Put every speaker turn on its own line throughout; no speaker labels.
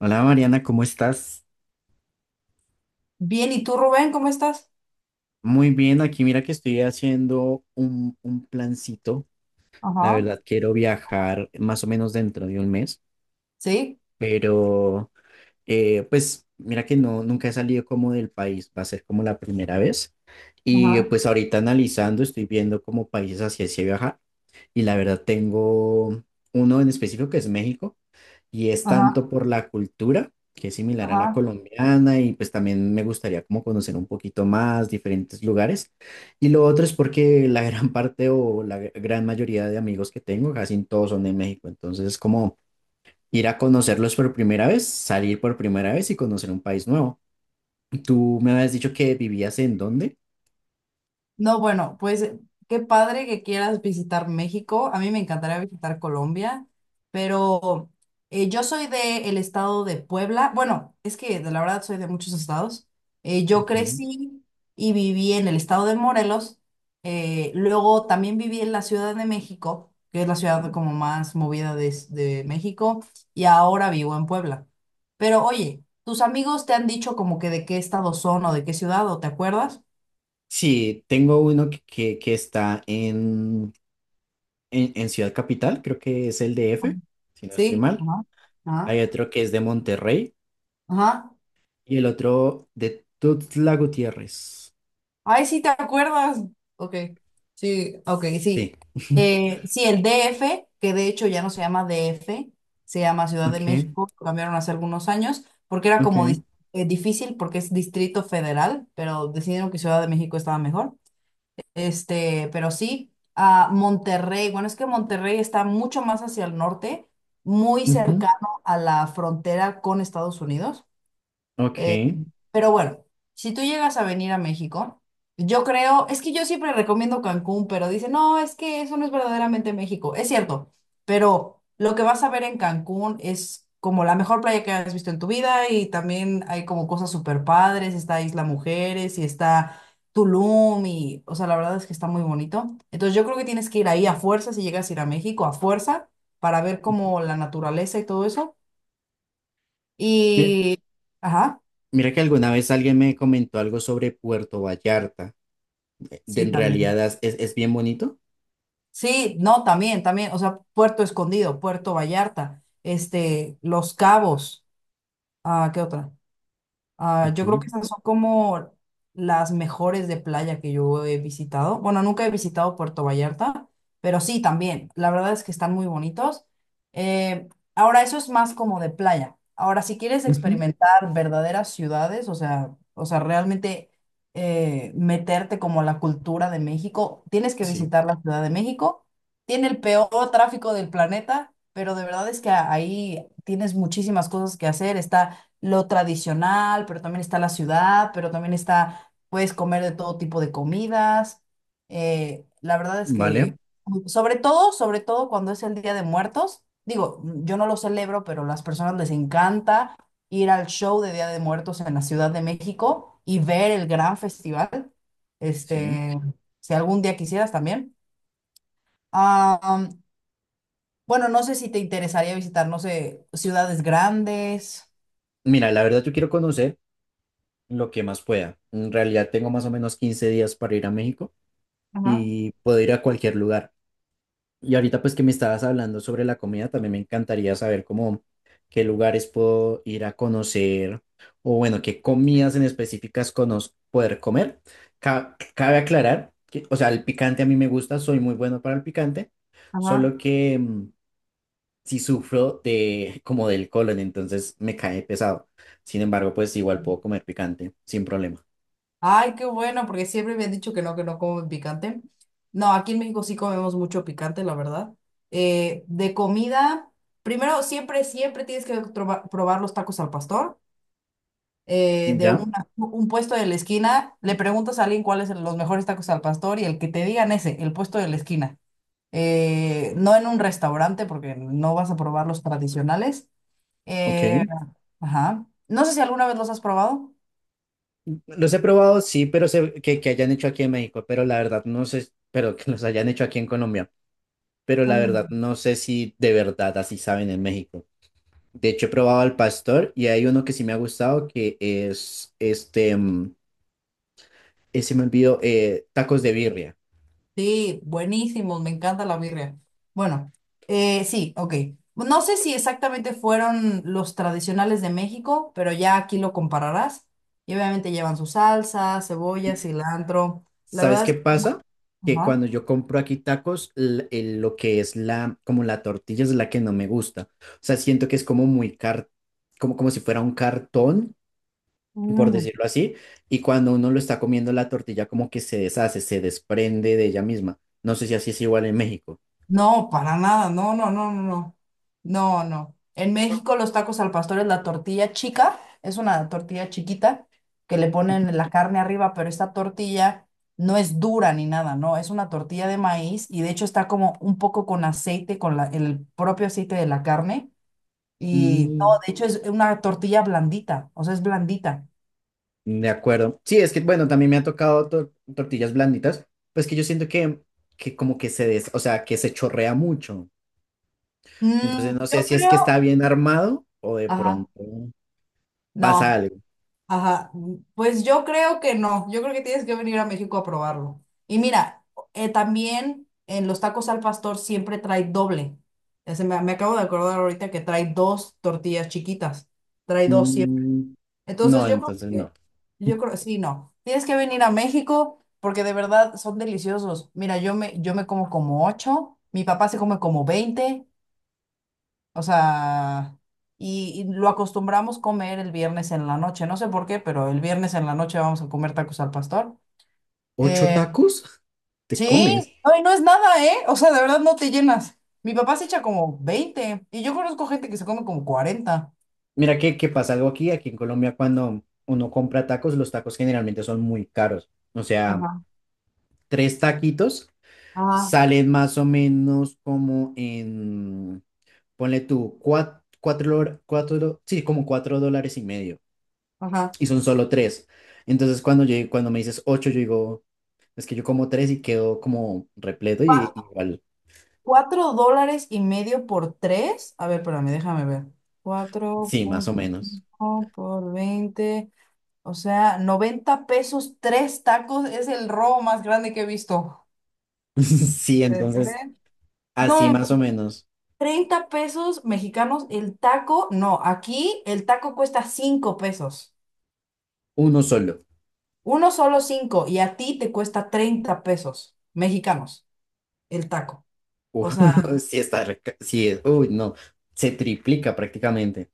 Hola Mariana, ¿cómo estás?
Bien, ¿y tú, Rubén, cómo estás?
Muy bien, aquí mira que estoy haciendo un plancito. La
Ajá,
verdad, quiero viajar más o menos dentro de un mes,
sí,
pero pues mira que no, nunca he salido como del país, va a ser como la primera vez. Y
ajá,
pues ahorita analizando, estoy viendo como países hacia ese viajar y la verdad tengo uno en específico que es México y es
ajá,
tanto por la cultura, que es similar a la
ajá.
colombiana, y pues también me gustaría como conocer un poquito más diferentes lugares. Y lo otro es porque la gran parte o la gran mayoría de amigos que tengo, casi todos son de México, entonces es como ir a conocerlos por primera vez, salir por primera vez y conocer un país nuevo. ¿Tú me habías dicho que vivías en dónde?
No, bueno, pues qué padre que quieras visitar México. A mí me encantaría visitar Colombia, pero yo soy del estado de Puebla. Bueno, es que de la verdad soy de muchos estados. Yo
Ok.
crecí y viví en el estado de Morelos. Luego también viví en la Ciudad de México, que es la ciudad como más movida de México, y ahora vivo en Puebla. Pero oye, ¿tus amigos te han dicho como que de qué estado son o de qué ciudad o te acuerdas?
Sí, tengo uno que está en Ciudad Capital, creo que es el
Ajá.
DF, si no estoy
Sí,
mal.
ajá, ajá,
Hay otro que es de Monterrey
ajá.
y el otro de Tuxtla Gutiérrez.
Ay, sí, ¿te acuerdas? Ok, sí, ok,
Sí.
sí. Sí, el DF, que de hecho ya no se llama DF, se llama Ciudad de
Ok,
México, lo cambiaron hace algunos años, porque era como
ok.
difícil porque es Distrito Federal, pero decidieron que Ciudad de México estaba mejor. Este, pero sí, a Monterrey, bueno, es que Monterrey está mucho más hacia el norte, muy
Ujú,
cercano a la frontera con Estados Unidos.
ok.
Pero bueno, si tú llegas a venir a México, yo creo, es que yo siempre recomiendo Cancún, pero dicen, no, es que eso no es verdaderamente México. Es cierto, pero lo que vas a ver en Cancún es como la mejor playa que has visto en tu vida y también hay como cosas súper padres, está Isla Mujeres y está Tulum y, o sea, la verdad es que está muy bonito. Entonces yo creo que tienes que ir ahí a fuerza, si llegas a ir a México, a fuerza, para ver como la naturaleza y todo eso.
Mi-
Y, ajá,
Mira que alguna vez alguien me comentó algo sobre Puerto Vallarta.
sí,
En
también.
realidad es bien bonito.
Sí, no, también, también, o sea, Puerto Escondido, Puerto Vallarta, este, Los Cabos, ah, ¿qué otra? Ah, yo creo que
Ujú,
esas son como las mejores de playa que yo he visitado. Bueno, nunca he visitado Puerto Vallarta, pero sí también. La verdad es que están muy bonitos. Eh, Ahora, eso es más como de playa. Ahora, si quieres
ujú,
experimentar verdaderas ciudades, o sea, realmente meterte como a la cultura de México, tienes que
sí,
visitar la Ciudad de México. Tiene el peor tráfico del planeta, pero de verdad es que ahí tienes muchísimas cosas que hacer. Está lo tradicional, pero también está la ciudad, pero también está, puedes comer de todo tipo de comidas. La verdad es
vale.
que, sobre todo cuando es el Día de Muertos, digo, yo no lo celebro, pero a las personas les encanta ir al show de Día de Muertos en la Ciudad de México y ver el gran festival.
Sí.
Este, si algún día quisieras también. Ah, bueno, no sé si te interesaría visitar, no sé, ciudades grandes.
Mira, la verdad yo quiero conocer lo que más pueda. En realidad tengo más o menos 15 días para ir a México
Ajá,
y puedo ir a cualquier lugar. Y ahorita pues que me estabas hablando sobre la comida, también me encantaría saber cómo qué lugares puedo ir a conocer o bueno, qué comidas en específicas poder comer. Cabe aclarar que, o sea, el picante a mí me gusta, soy muy bueno para el picante,
ajá.
solo que sí sufro de como del colon, entonces me cae pesado. Sin embargo, pues igual puedo comer picante sin problema.
Ay, qué bueno, porque siempre me han dicho que no comen picante. No, aquí en México sí comemos mucho picante, la verdad. De comida, primero, siempre, siempre tienes que probar los tacos al pastor. De
¿Ya?
un puesto de la esquina, le preguntas a alguien cuáles son los mejores tacos al pastor y el que te digan ese, el puesto de la esquina. No en un restaurante, porque no vas a probar los tradicionales.
Ok.
Eh, ajá. No sé si alguna vez los has probado.
Los he probado, sí, pero sé que hayan hecho aquí en México, pero la verdad no sé, pero que los hayan hecho aquí en Colombia, pero la verdad
Mm.
no sé si de verdad así saben en México. De hecho, he probado al pastor y hay uno que sí me ha gustado que es este, se me olvidó, tacos de birria.
Sí, buenísimos, me encanta la birria. Bueno, sí, ok. No sé si exactamente fueron los tradicionales de México, pero ya aquí lo compararás. Y obviamente llevan su salsa, cebolla,
Y,
cilantro. La
¿Sabes
verdad
qué
es...
pasa? Que
Ajá.
cuando yo compro aquí tacos, lo que es como la tortilla es la que no me gusta. O sea, siento que es como muy como si fuera un cartón por
Mm.
decirlo así, y cuando uno lo está comiendo la tortilla como que se deshace, se desprende de ella misma. No sé si así es igual en México.
No, para nada, no, no, no, no, no, no, no. En México los tacos al pastor es la tortilla chica, es una tortilla chiquita que le ponen
Ujú.
la carne arriba, pero esta tortilla no es dura ni nada, no, es una tortilla de maíz y de hecho está como un poco con aceite, con el propio aceite de la carne y no,
Mm,
de hecho es una tortilla blandita, o sea, es blandita.
de acuerdo. Sí, es que bueno, también me ha tocado tortillas blanditas, pues que yo siento que como que o sea, que se chorrea mucho.
Mm,
Entonces no sé
yo
si es que está
creo,
bien armado o de
ajá,
pronto pasa
no.
algo.
Ajá, mm, pues yo creo que no, yo creo que tienes que venir a México a probarlo. Y mira, también en los tacos al pastor siempre trae doble. Me acabo de acordar ahorita que trae dos tortillas chiquitas, trae dos siempre.
Mm,
Entonces
no,
yo creo
entonces no.
que, yo creo, sí, no, tienes que venir a México porque de verdad son deliciosos. Mira, yo me como como ocho, mi papá se come como 20, o sea, y lo acostumbramos comer el viernes en la noche. No sé por qué, pero el viernes en la noche vamos a comer tacos al pastor.
¿Ocho
Eh,
tacos? ¿Te
sí,
comes?
ay, no es nada, ¿eh? O sea, de verdad no te llenas. Mi papá se echa como 20 y yo conozco gente que se come como 40.
Mira que pasa algo aquí en Colombia cuando uno compra tacos, los tacos generalmente son muy caros. O sea,
Ajá,
tres taquitos
ajá,
salen más o menos como ponle tú, cuatro, cuatro, cuatro, sí, como 4,50 dólares.
ajá.
Y son solo tres. Entonces cuando me dices ocho, yo digo, es que yo como tres y quedo como repleto y
Pa-
igual,
$4.50 por tres. A ver, espérame, déjame ver. Cuatro
sí, más o
punto
menos.
cinco por 20. O sea, 90 pesos, tres tacos. Es el robo más grande que he visto.
Sí,
De
entonces
tres.
así
No, hombre,
más o menos,
30 pesos mexicanos el taco. No, aquí el taco cuesta 5 pesos.
uno solo.
Uno solo cinco y a ti te cuesta 30 pesos mexicanos el taco. O
Uf,
sea,
sí está, sí, uy, no, se triplica prácticamente.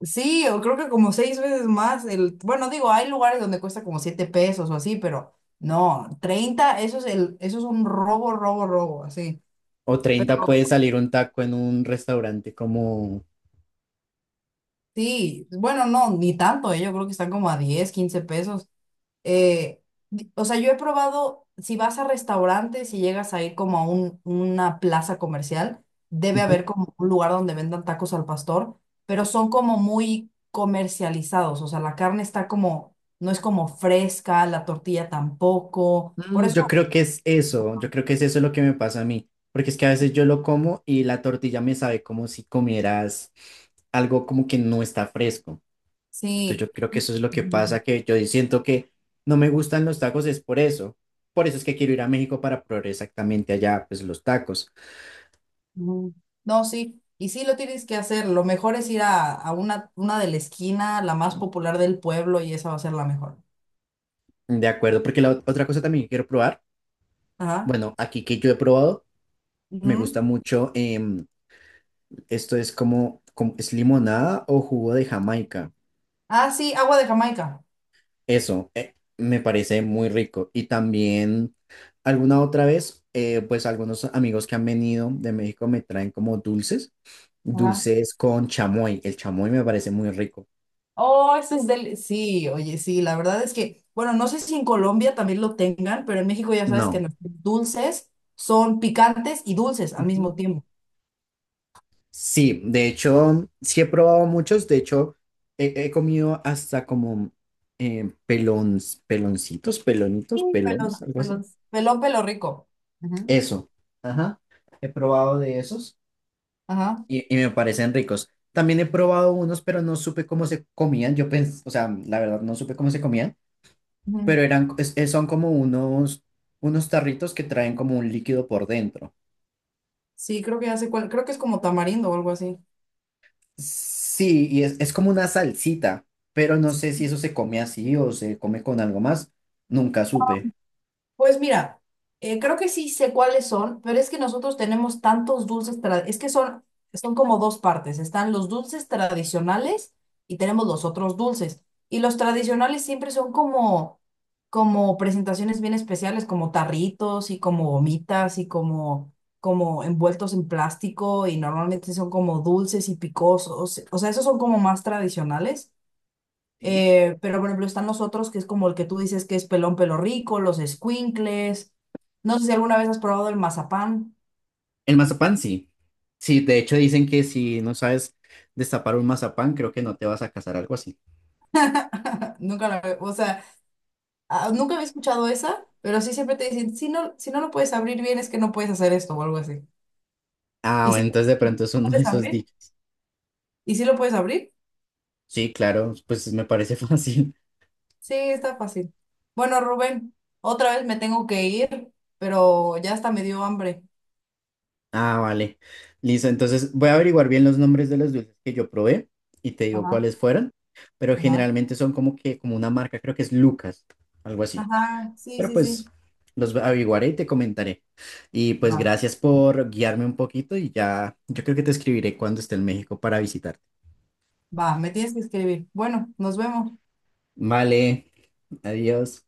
sí, o creo que como seis veces más el... Bueno, digo, hay lugares donde cuesta como 7 pesos o así, pero no, 30, eso es eso es un robo, robo, robo, así.
O 30 puede salir un taco en un restaurante como...
Sí, bueno, no, ni tanto, yo creo que están como a 10, 15 pesos. eh, o sea, yo he probado, si vas a restaurantes y llegas a ir como a una plaza comercial, debe haber
Ujú.
como un lugar donde vendan tacos al pastor, pero son como muy comercializados, o sea, la carne está como, no es como fresca, la tortilla tampoco, por
Yo
eso,
creo que es eso, yo creo que es eso lo que me pasa a mí, porque es que a veces yo lo como y la tortilla me sabe como si comieras algo como que no está fresco. Entonces
sí,
yo creo que eso es lo que
ujú,
pasa, que yo siento que no me gustan los tacos, es por eso. Por eso es que quiero ir a México para probar exactamente allá, pues los tacos.
ujú. No, sí. Y sí lo tienes que hacer, lo mejor es ir a una de la esquina, la más popular del pueblo, y esa va a ser la mejor.
De acuerdo, porque la otra cosa también que quiero probar.
Ajá.
Bueno, aquí que yo he probado, me
Ujú.
gusta mucho, esto es limonada o jugo de Jamaica.
Ah, sí, agua de Jamaica.
Eso, me parece muy rico. Y también alguna otra vez, pues algunos amigos que han venido de México me traen como dulces,
Ah,
dulces con chamoy. El chamoy me parece muy rico.
oh, ese es del... Sí, oye, sí, la verdad es que, bueno, no sé si en Colombia también lo tengan, pero en México ya sabes que
No.
los dulces son picantes y dulces al mismo tiempo.
Sí, de hecho, sí he probado muchos. De hecho, he comido hasta como eh, pelon- peloncitos,
Sí,
pelonitos,
pelón,
pelones, algo así.
pelón, pelón, pelo rico. Ujú.
Eso. Ajá. He probado de esos
Ajá.
y me parecen ricos. También he probado unos, pero no supe cómo se comían. Yo pensé, o sea, la verdad, no supe cómo se comían,
Ujú.
pero eran, son como unos tarritos que traen como un líquido por dentro.
Sí, creo que ya sé cuál, creo que es como tamarindo o algo así.
Sí, y es como una salsita, pero no sé si eso se come así o se come con algo más. Nunca supe.
Pues mira, creo que sí sé cuáles son, pero es que nosotros tenemos tantos dulces, es que son, como dos partes, están los dulces tradicionales y tenemos los otros dulces. Y los tradicionales siempre son como presentaciones bien especiales, como tarritos y como gomitas y como envueltos en plástico y normalmente son como dulces y picosos, o sea, esos son como más tradicionales.
Sí.
Pero, por ejemplo, están los otros que es como el que tú dices que es pelón pelo rico, los escuincles. No sé si alguna vez has probado el mazapán.
El mazapán sí. Sí, de hecho dicen que si no sabes destapar un mazapán, creo que no te vas a casar, algo así.
Nunca o sea, nunca había escuchado esa, pero sí siempre te dicen, si no lo puedes abrir bien, es que no puedes hacer esto o algo así.
Ah,
Y
bueno,
sí
entonces de
lo
pronto es uno de
puedes
esos
abrir.
dichos.
¿Y sí lo puedes abrir?
Sí, claro, pues me parece fácil.
Sí, está fácil. Bueno, Rubén, otra vez me tengo que ir, pero ya hasta me dio hambre.
Ah, vale. Listo, entonces voy a averiguar bien los nombres de los dulces que yo probé y te digo
Ajá,
cuáles fueron, pero
ajá.
generalmente son como que, como una marca, creo que es Lucas, algo así.
Ajá, sí,
Pero
sí,
pues
sí.
los averiguaré y te comentaré. Y pues
Va,
gracias por guiarme un poquito y ya, yo creo que te escribiré cuando esté en México para visitarte.
va, me tienes que escribir. Bueno, nos vemos.
Vale, adiós.